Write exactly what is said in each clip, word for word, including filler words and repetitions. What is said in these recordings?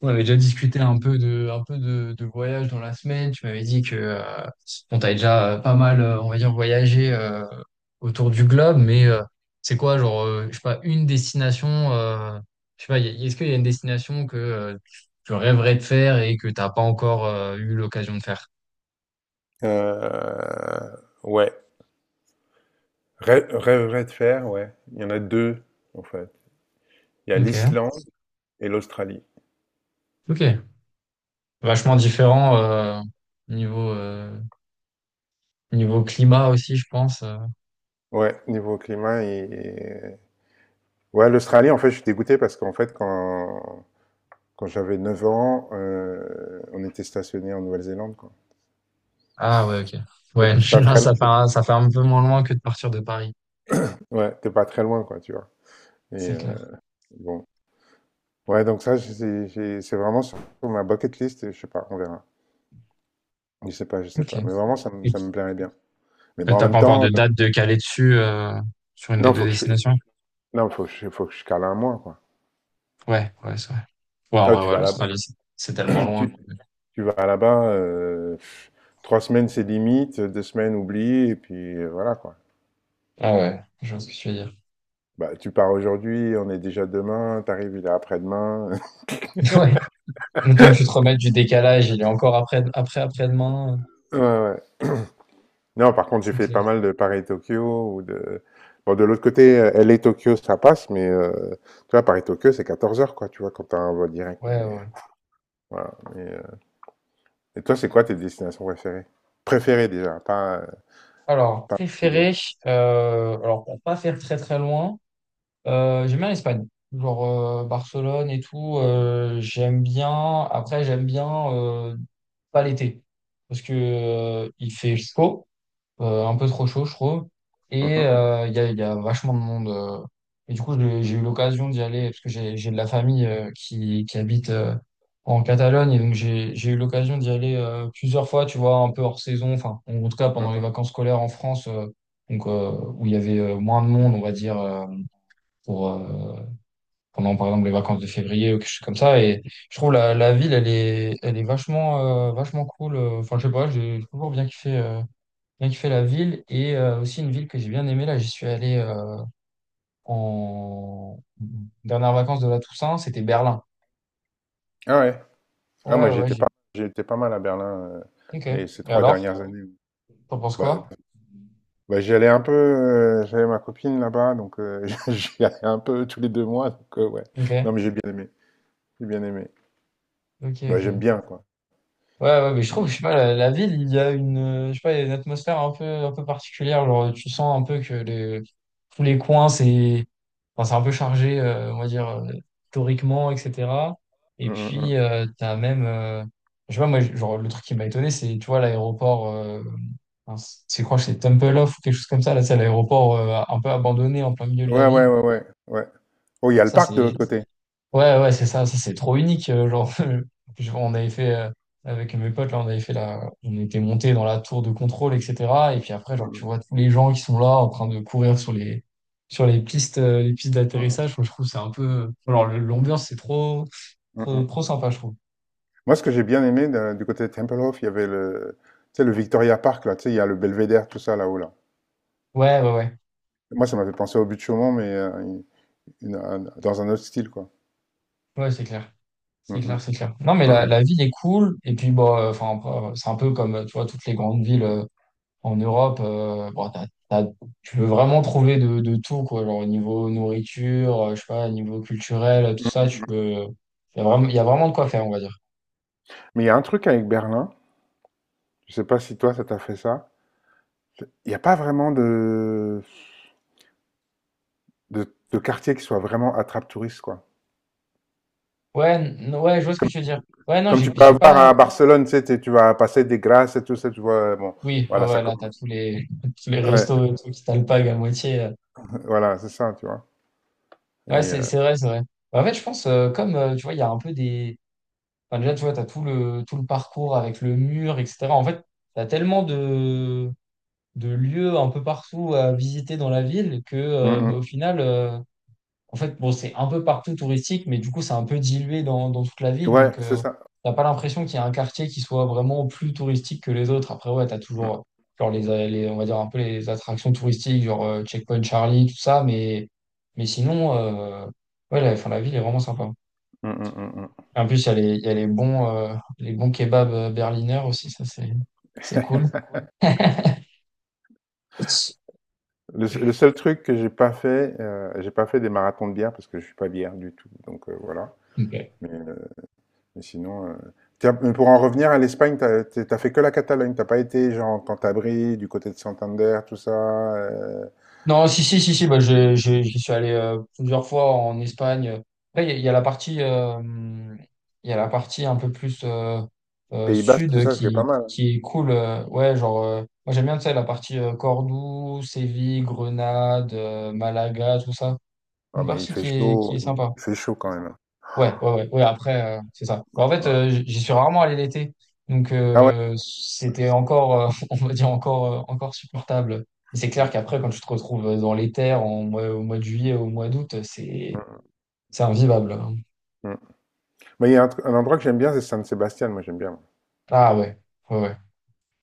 On avait déjà discuté un peu de, un peu de, de voyage dans la semaine. Tu m'avais dit que euh, bon, t'avais déjà euh, pas mal, euh, on va dire, voyagé euh, autour du globe, mais euh, c'est quoi, genre, euh, je sais pas, une destination, euh, je sais pas, y a- est-ce qu'il y a une destination que euh, tu tu rêverais de faire et que t'as pas encore euh, eu l'occasion de faire? Euh, ouais. Rê- Rêverais de faire, ouais. Il y en a deux, en fait. Il y a Ok, l'Islande et l'Australie. ok. Vachement différent euh, niveau euh, niveau climat aussi, je pense. euh. Ouais, niveau climat et. Ouais, l'Australie, en fait, je suis dégoûté parce qu'en fait, quand, quand j'avais neuf ans, euh, on était stationné en Nouvelle-Zélande, quoi. Ah ouais, ok. T'es Ouais, t'es pas là, très. ça fait un- ça fait un peu moins loin que de partir de Paris. Ouais, t'es pas très loin, quoi, tu vois. Et C'est euh, clair. bon. Ouais, donc ça, j'ai- j'ai- c'est vraiment sur ma bucket list, et je sais pas, on verra. Je sais pas, je sais Ok. pas. Mais vraiment, ça me, Et ça t- me plairait bien. Mais t'as bon, en pas même encore temps, de euh, date de caler dessus euh, sur une des non, deux faut que je, destinations? non, faut que je faut que je cale un mois, quoi. Ouais, ouais, c'est vrai. Ouais, en Ah, vrai, tu ouais, vas là-bas, l'Australie, c'est c'est tellement loin. que- tu, tu vas là-bas, euh, pff, trois semaines c'est limite, deux semaines oublie, et puis euh, voilà, quoi. Ah ouais, je vois ce que tu veux dire. Bah, tu pars aujourd'hui, on est déjà demain, t'arrives, il est après-demain. Ouais, le temps que tu te remettes du décalage, il est encore après, après, après-demain. euh, Ouais, ouais. Non, par contre, j'ai C'est fait clair. pas mal de Paris-Tokyo ou de. Bon, de l'autre côté, euh, L A-Tokyo, ça passe, mais euh, tu vois, Paris-Tokyo, c'est quatorze heures, quoi, tu vois, quand t'as un vol direct. Mais, Ouais, ouais, ouais. euh, voilà. Mais, euh, et toi, c'est quoi tes destinations préférées? Préférées, déjà, pas, euh, Alors, pas privées. préféré, euh, alors pour pas faire très très loin, euh, j'aime bien l'Espagne. Genre euh, Barcelone et tout, euh, j'aime bien. Après, j'aime bien euh, pas l'été. Parce que euh, il fait chaud. euh, un peu trop chaud, je trouve. Et Mhm. euh, il y a, il y a vachement de monde. euh. Et du coup, j'ai j'ai eu l'occasion d'y aller parce que j'ai j'ai de la famille euh, qui, qui habite euh, en Catalogne. Et donc, j'ai j'ai eu l'occasion d'y aller euh, plusieurs fois, tu vois, un peu hors saison. Enfin, en en tout cas, pendant les vacances Mhm. scolaires en France, euh, donc, euh, où il y avait euh, moins de monde, on va dire, euh, pour, euh, pendant, par exemple, les vacances de février ou quelque chose comme ça. Et je trouve la, la ville, elle est, elle est vachement, euh, vachement cool. Enfin, je sais pas, j'ai toujours bien kiffé. Euh, bien kiffé la ville et euh, aussi une ville que j'ai bien aimée. Là, j'y suis allé euh, en dernière vacances de la Toussaint, c'était Berlin. Ah ouais. Ah, Ouais, moi, ouais, ouais, j'étais j'ai. pas, j'étais pas mal à Berlin, euh, Ok. les, ces Et trois alors, dernières années. t'en penses Bah, quoi? bah, j'y allais un peu, euh, j'avais ma copine là-bas, donc euh, j'y allais un peu tous les deux mois. Donc, euh, ouais. Ok. Non, mais j'ai bien aimé. J'ai bien aimé. Ok, Bah, ok. j'aime bien, quoi. Ouais, ouais, mais je trouve, je Et- sais pas, la, la ville, il y a une, euh, je sais pas, il y a une atmosphère un peu, un peu particulière. Genre, tu sens un peu que les, tous les coins, c'est, enfin, c'est un peu chargé, euh, on va dire, euh, historiquement, et cetera. Et Mm, mm, mm. puis, euh, t'as même, euh, je sais pas, moi, genre, le truc qui m'a étonné, c'est, tu vois, l'aéroport, euh, enfin, c'est quoi, c'est Temple Off ou quelque chose comme ça, là, c'est l'aéroport, euh, un peu abandonné en plein milieu de la Ouais, ouais, ville. ouais, ouais, ouais. Oh, il y a le Ça, parc c'est. de l'autre côté. Ouais, ouais, c'est ça, ça c'est trop unique. Euh, genre, je- on avait fait euh, avec mes potes, là, on avait fait la, on était monté dans la tour de contrôle, et cetera. Et puis après, genre, Mm, tu vois tous les gens qui sont là en train de courir sur les, sur les pistes, euh, les pistes mm, mm, d'atterrissage. Moi, Je trouve que c'est un peu, alors le- l'ambiance c'est trop, mm, mm. trop, Mm. trop sympa, je trouve. Moi, ce que j'ai bien aimé de- du côté de Tempelhof, il y avait le, tu sais, le Victoria Park, là, tu sais, il y a le Belvédère, tout ça là-haut, là. Ouais, ouais, ouais, Moi, ça m'avait pensé au but de Chaumont, mais euh, une- un- dans un autre style, quoi. ouais, c'est clair, Mm, c'est clair, mm, c'est clair. Non, mais la, mm. la ville est cool. Et puis bon, euh, enfin, c'est un peu comme, tu vois, toutes les grandes villes. euh, En Europe, euh, bon, t'as- t'as- tu peux vraiment trouver de, de tout, quoi. Genre, au niveau nourriture, euh, je sais pas, au niveau culturel, tout ça, tu peux. Il y a vraiment, il y a vraiment de quoi faire, on va dire. Mais il y a un truc avec Berlin, je sais pas si toi ça t'a fait ça, il n'y a pas vraiment de, de, de quartier qui soit vraiment attrape-touriste, quoi. Ouais, n- ouais, je vois ce que tu veux dire. Ouais, non, Comme j'ai tu peux j'ai avoir à pas. Barcelone, tu sais, t'es- tu vas passer des grâces et tout ça, tu vois, euh, bon, Oui, ouais, voilà, ça ouais, là, t'as commence. tous les, tous les Ouais, restos et tout qui t'alpaguent à moitié. euh. voilà, c'est ça, tu vois. Ouais, Et, c'est euh, c'est vrai, c'est vrai. En fait, je pense, euh, comme, euh, tu vois, il y a un peu des. Enfin, déjà, tu vois, t'as tout le, tout le parcours avec le mur, et cetera. En fait, t'as tellement de de lieux un peu partout à visiter dans la ville que, euh, bah, mm, au final, euh, en fait, bon, c'est un peu partout touristique, mais du coup, c'est un peu dilué dans, dans toute la mm. ville. Ouais, Donc, c'est euh, ça. t'as pas l'impression qu'il y a un quartier qui soit vraiment plus touristique que les autres. Après, ouais, t'as Mm, toujours, euh, genre, les, euh, les- on va dire un peu les attractions touristiques, genre euh, Checkpoint Charlie, tout ça, mais, mais sinon, euh, ouais, la, enfin, la ville est vraiment sympa. mm, mm, mm. En plus, il y a les, il y a les bons, euh, les bons kebabs euh, berliner aussi, ça, c'est, c'est cool. Le, se- le seul truc que j'ai pas fait, euh, j'ai pas fait des marathons de bière parce que je suis pas bière du tout, donc euh, voilà. Ok. Mais sinon. Euh, tiens, pour en revenir à l'Espagne, t'as t'as fait que la Catalogne. T'as pas été, genre, Cantabrie, du côté de Santander, tout ça. euh, Non, si, si, si, si, bah, je, je- j'y suis allé euh, plusieurs fois en Espagne. Après, il y, a il y a la partie, euh, il y a la partie un peu plus euh, euh, Pays Basque, tout sud ça, ce qui est pas qui, mal, hein. qui est cool. Euh, ouais, genre, euh, moi j'aime bien, tu sais, la partie euh, Cordoue, Séville, Grenade, euh, Malaga, tout ça. Ah, Une mais il partie fait qui est, qui chaud. est sympa. Il fait chaud quand même, hein. Ouais, ouais, ouais, ouais, après, euh, c'est ça. Bah, En fait, euh, Ouais. j- j'y suis rarement allé l'été, donc Ah ouais. euh, c'était encore, euh, on va dire, encore, euh, encore supportable. Mais C'est clair Mm, qu'après, quand tu te retrouves euh, dans les terres en mois- au mois de juillet, au mois d'août, c'est mm, c'est invivable. Hein. mm. Mais il y a un, tr- un endroit que j'aime bien, c'est San Sébastien. Moi, j'aime bien. Ah ouais, ouais, ouais.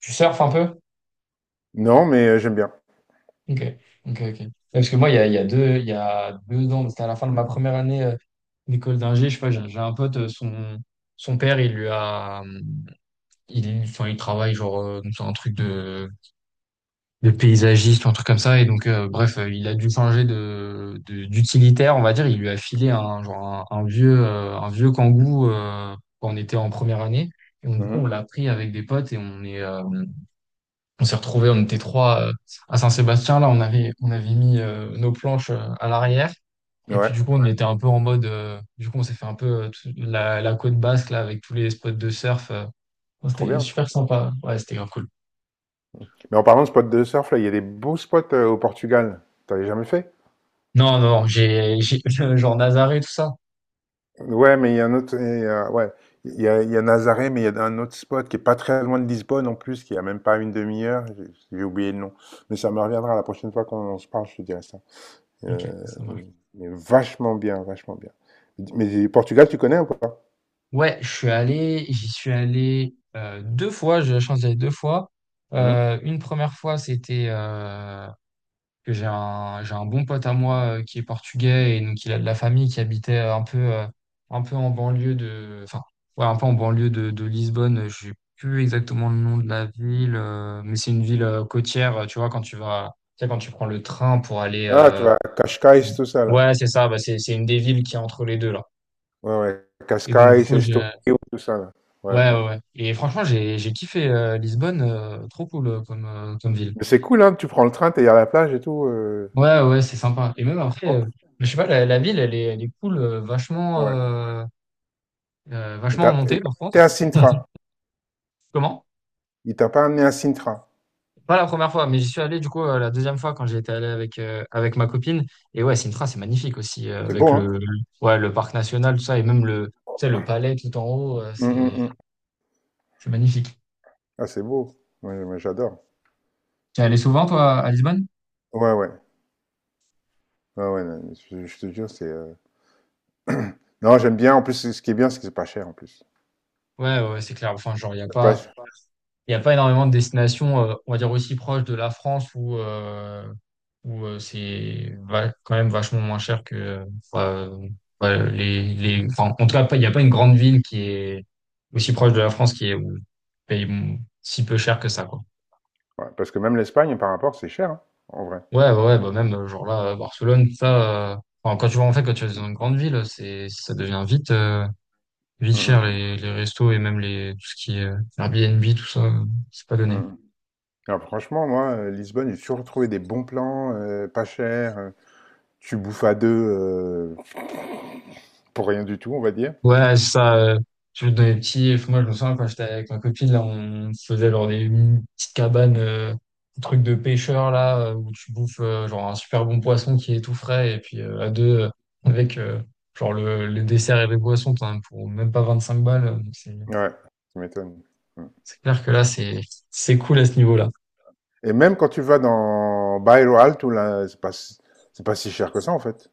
Tu surfes un peu? Non, mais euh, j'aime bien. Ok, ok, ok. Ouais, Parce que moi, il y a, il y a deux, il y a deux ans, c'était à la fin de ma première année euh, d'école d'ingé, je sais pas, j'ai j'ai un pote, euh, son, son père, il lui a... hum, il, enfin, il travaille genre euh, dans un truc de de paysagiste ou un truc comme ça. Et donc, euh, bref, euh, il a dû changer de, de- d'utilitaire, on va dire. Il lui a filé un, genre un, un vieux, euh, un vieux Kangoo euh, quand on était en première année. Et donc, du coup, on Mhm. l'a pris avec des potes et on est, euh, on s'est retrouvés, on était trois euh, à Saint-Sébastien. Là, on avait, on avait mis euh, nos planches euh, à l'arrière. Et puis, Ouais, du coup, on était un peu en mode, euh, du coup, on s'est fait un peu euh, tout- la, la côte basque, là, avec tous les spots de surf. euh. trop C'était bien. super sympa. Ouais, c'était grave cool. Mais en parlant de spots de surf, là, il y a des beaux spots euh, au Portugal. T'avais jamais fait? Non, non, j'ai, j'ai, genre Nazaré, tout ça. Ouais, mais il y a un autre. Et, euh, ouais, il y a, il y a Nazaré, mais il y a un autre spot qui est pas très loin de Lisbonne en plus, qui a même pas une demi-heure. J'ai j'ai oublié le nom, mais ça me reviendra la prochaine fois qu'on se parle. Je te dirai ça. Euh, Ok, ça marche. mais vachement bien, vachement bien. Mais Portugal, tu connais ou pas? Ouais, je suis allé, j'y suis allé euh, deux fois, j'ai eu la chance d'y aller deux fois. Hmm. Euh, une première fois, c'était euh, que j'ai un, j'ai un bon pote à moi euh, qui est portugais et donc il a de la famille qui habitait un peu, euh, un peu en banlieue de, enfin, ouais, un peu en banlieue de, de Lisbonne. Je sais plus exactement le nom de la ville, euh, mais c'est une ville euh, côtière, euh, tu vois, quand tu vas, tu sais, quand tu prends le train pour aller, Ah, tu euh, vas Cascais, tout ça là. ouais, c'est ça, bah, c'est, c'est une des villes qui est entre les deux là. Ouais, ouais. Et donc, du Cascais, coup, j'ai. Estoril, tout ça là. Ouais, Ouais, ouais. ouais, ouais. Et franchement, j'ai j'ai kiffé euh, Lisbonne, euh, trop cool euh, comme, euh, comme ville. Mais c'est cool, hein. Tu prends le train, t'es à la plage et tout. euh. Ouais, ouais, c'est sympa. Et même après, Oh, euh, je sais pas, la, la ville, elle est, elle est cool, euh, vachement, ouais. euh, euh, Et vachement en t'as et montée, t'as par pas contre. à Sintra. Comment? Il t'a pas amené à Sintra. Pas la première fois, mais j'y suis allé du coup euh, la deuxième fois quand j'étais allé avec, euh, avec ma copine. Et ouais, Sintra, c'est magnifique aussi, euh, C'est beau, avec le, hein? le- ouais, le parc national, tout ça, et même le, tu sais, le palais tout en haut, euh, Hum, hum, c'est hum. c'est magnifique. Ah, c'est beau. Ouais, moi, j'adore. Tu es allé souvent, toi, à Lisbonne? Ouais, ouais. Ouais, ouais, non, je, je te jure, c'est. euh, Non, j'aime bien. En plus, ce qui est bien, c'est que c'est pas cher en plus. Ouais, ouais, c'est clair. Enfin, genre, il a C'est pas pas. ch- Il n'y a pas énormément de destinations, euh, on va dire, aussi proches de la France où, euh, où euh, c'est va- quand même vachement moins cher que euh, euh, ouais, les, les... enfin, en tout cas, pas- il n'y a pas une grande ville qui est aussi proche de la France qui est où paye mm, si peu cher que ça, quoi. Ouais, parce que même l'Espagne, par rapport, c'est cher, hein, en vrai. Ouais, ouais, ouais, bah même, euh, genre là, à Barcelone, ça... euh, enfin, quand tu vas, en fait, quand tu vas dans une grande ville, c'est, ça devient vite, euh, vite cher, Mm, les, les restos et même les, tout ce qui est euh, Airbnb, tout ça, euh, c'est pas mm, donné. mm. Alors, franchement, moi, euh, Lisbonne, j'ai toujours trouvé des bons plans, euh, pas cher. Euh, tu bouffes à deux euh, pour rien du tout, on va dire. Ouais, c'est ça. euh, Tu veux donner petit. Moi, je me souviens quand j'étais avec ma copine, là, on se faisait genre des petites cabanes, euh, des trucs de pêcheur, là, euh, où tu bouffes euh, genre un super bon poisson qui est tout frais. Et puis euh, à deux, euh, avec euh, genre le, le dessert et les boissons, t'en as pour même pas vingt-cinq balles. euh, Donc, C'est Ouais, ça m'étonne. Mm. c'est clair que là, c'est c'est cool à ce niveau-là. Et même quand tu vas dans Bairro Alto, là, c'est pas, si- c'est pas si cher que ça, en fait.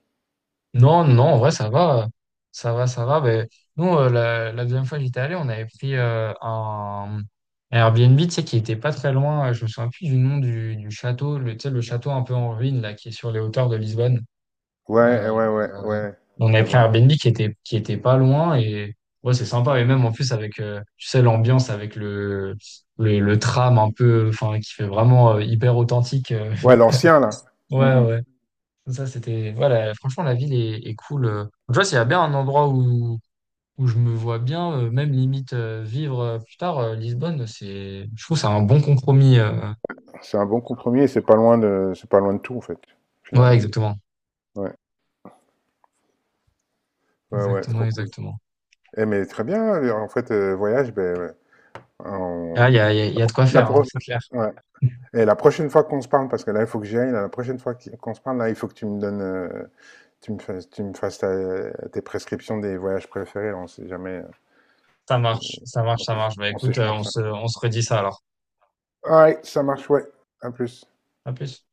Non, non, en vrai, ça va. Ça va, ça va. Ben, nous, euh, la, la deuxième fois que j'étais allé, on avait pris euh, un, un Airbnb, tu sais, qui était pas très loin. euh, Je me souviens plus du nom du, du château, le, tu sais, le château un peu en ruine, là, qui est sur les hauteurs de Lisbonne. Ouais, Euh, ouais, ouais, euh, ouais, on je avait pris un vois. Airbnb qui était, qui était pas loin et ouais, c'est sympa. Et même, en plus, avec, euh, tu sais, l'ambiance avec le, le, le tram un peu, enfin, qui fait vraiment euh, hyper authentique. euh. Ouais, l'ancien là. Mm, Ouais, mm. ouais. Ça, c'était. Voilà, franchement, la ville est, est cool. euh. Tu vois, s'il y a bien un endroit où, où je me vois bien, euh, même limite euh, vivre euh, plus tard, euh, Lisbonne, c'est. Je trouve que c'est un bon compromis. euh. C'est un bon compromis et c'est pas loin de, c'est pas loin de tout en fait, euh. Ouais, finalement. exactement. Ouais, ouais, ouais, Exactement, trop cool. exactement. Eh mais très bien. euh, En fait, euh, voyage, ben, ouais. Ah, il On- y a, il y a, il y a de quoi la faire, hein, pro- c'est clair. ouais. Et la prochaine fois qu'on se parle, parce que là, il faut que j'y aille. Là, la prochaine fois qui- qu'on se parle, là, il faut que tu me donnes, euh, tu me fasses, tu me fasses ta- tes prescriptions des voyages préférés. Là, on sait jamais. euh, Ça je- marche, ça marche, on ça s'éch- marche. Bah on écoute, euh, s'échange on ça. se, on se redit ça alors. Alright, ça marche, ouais. À plus. À plus.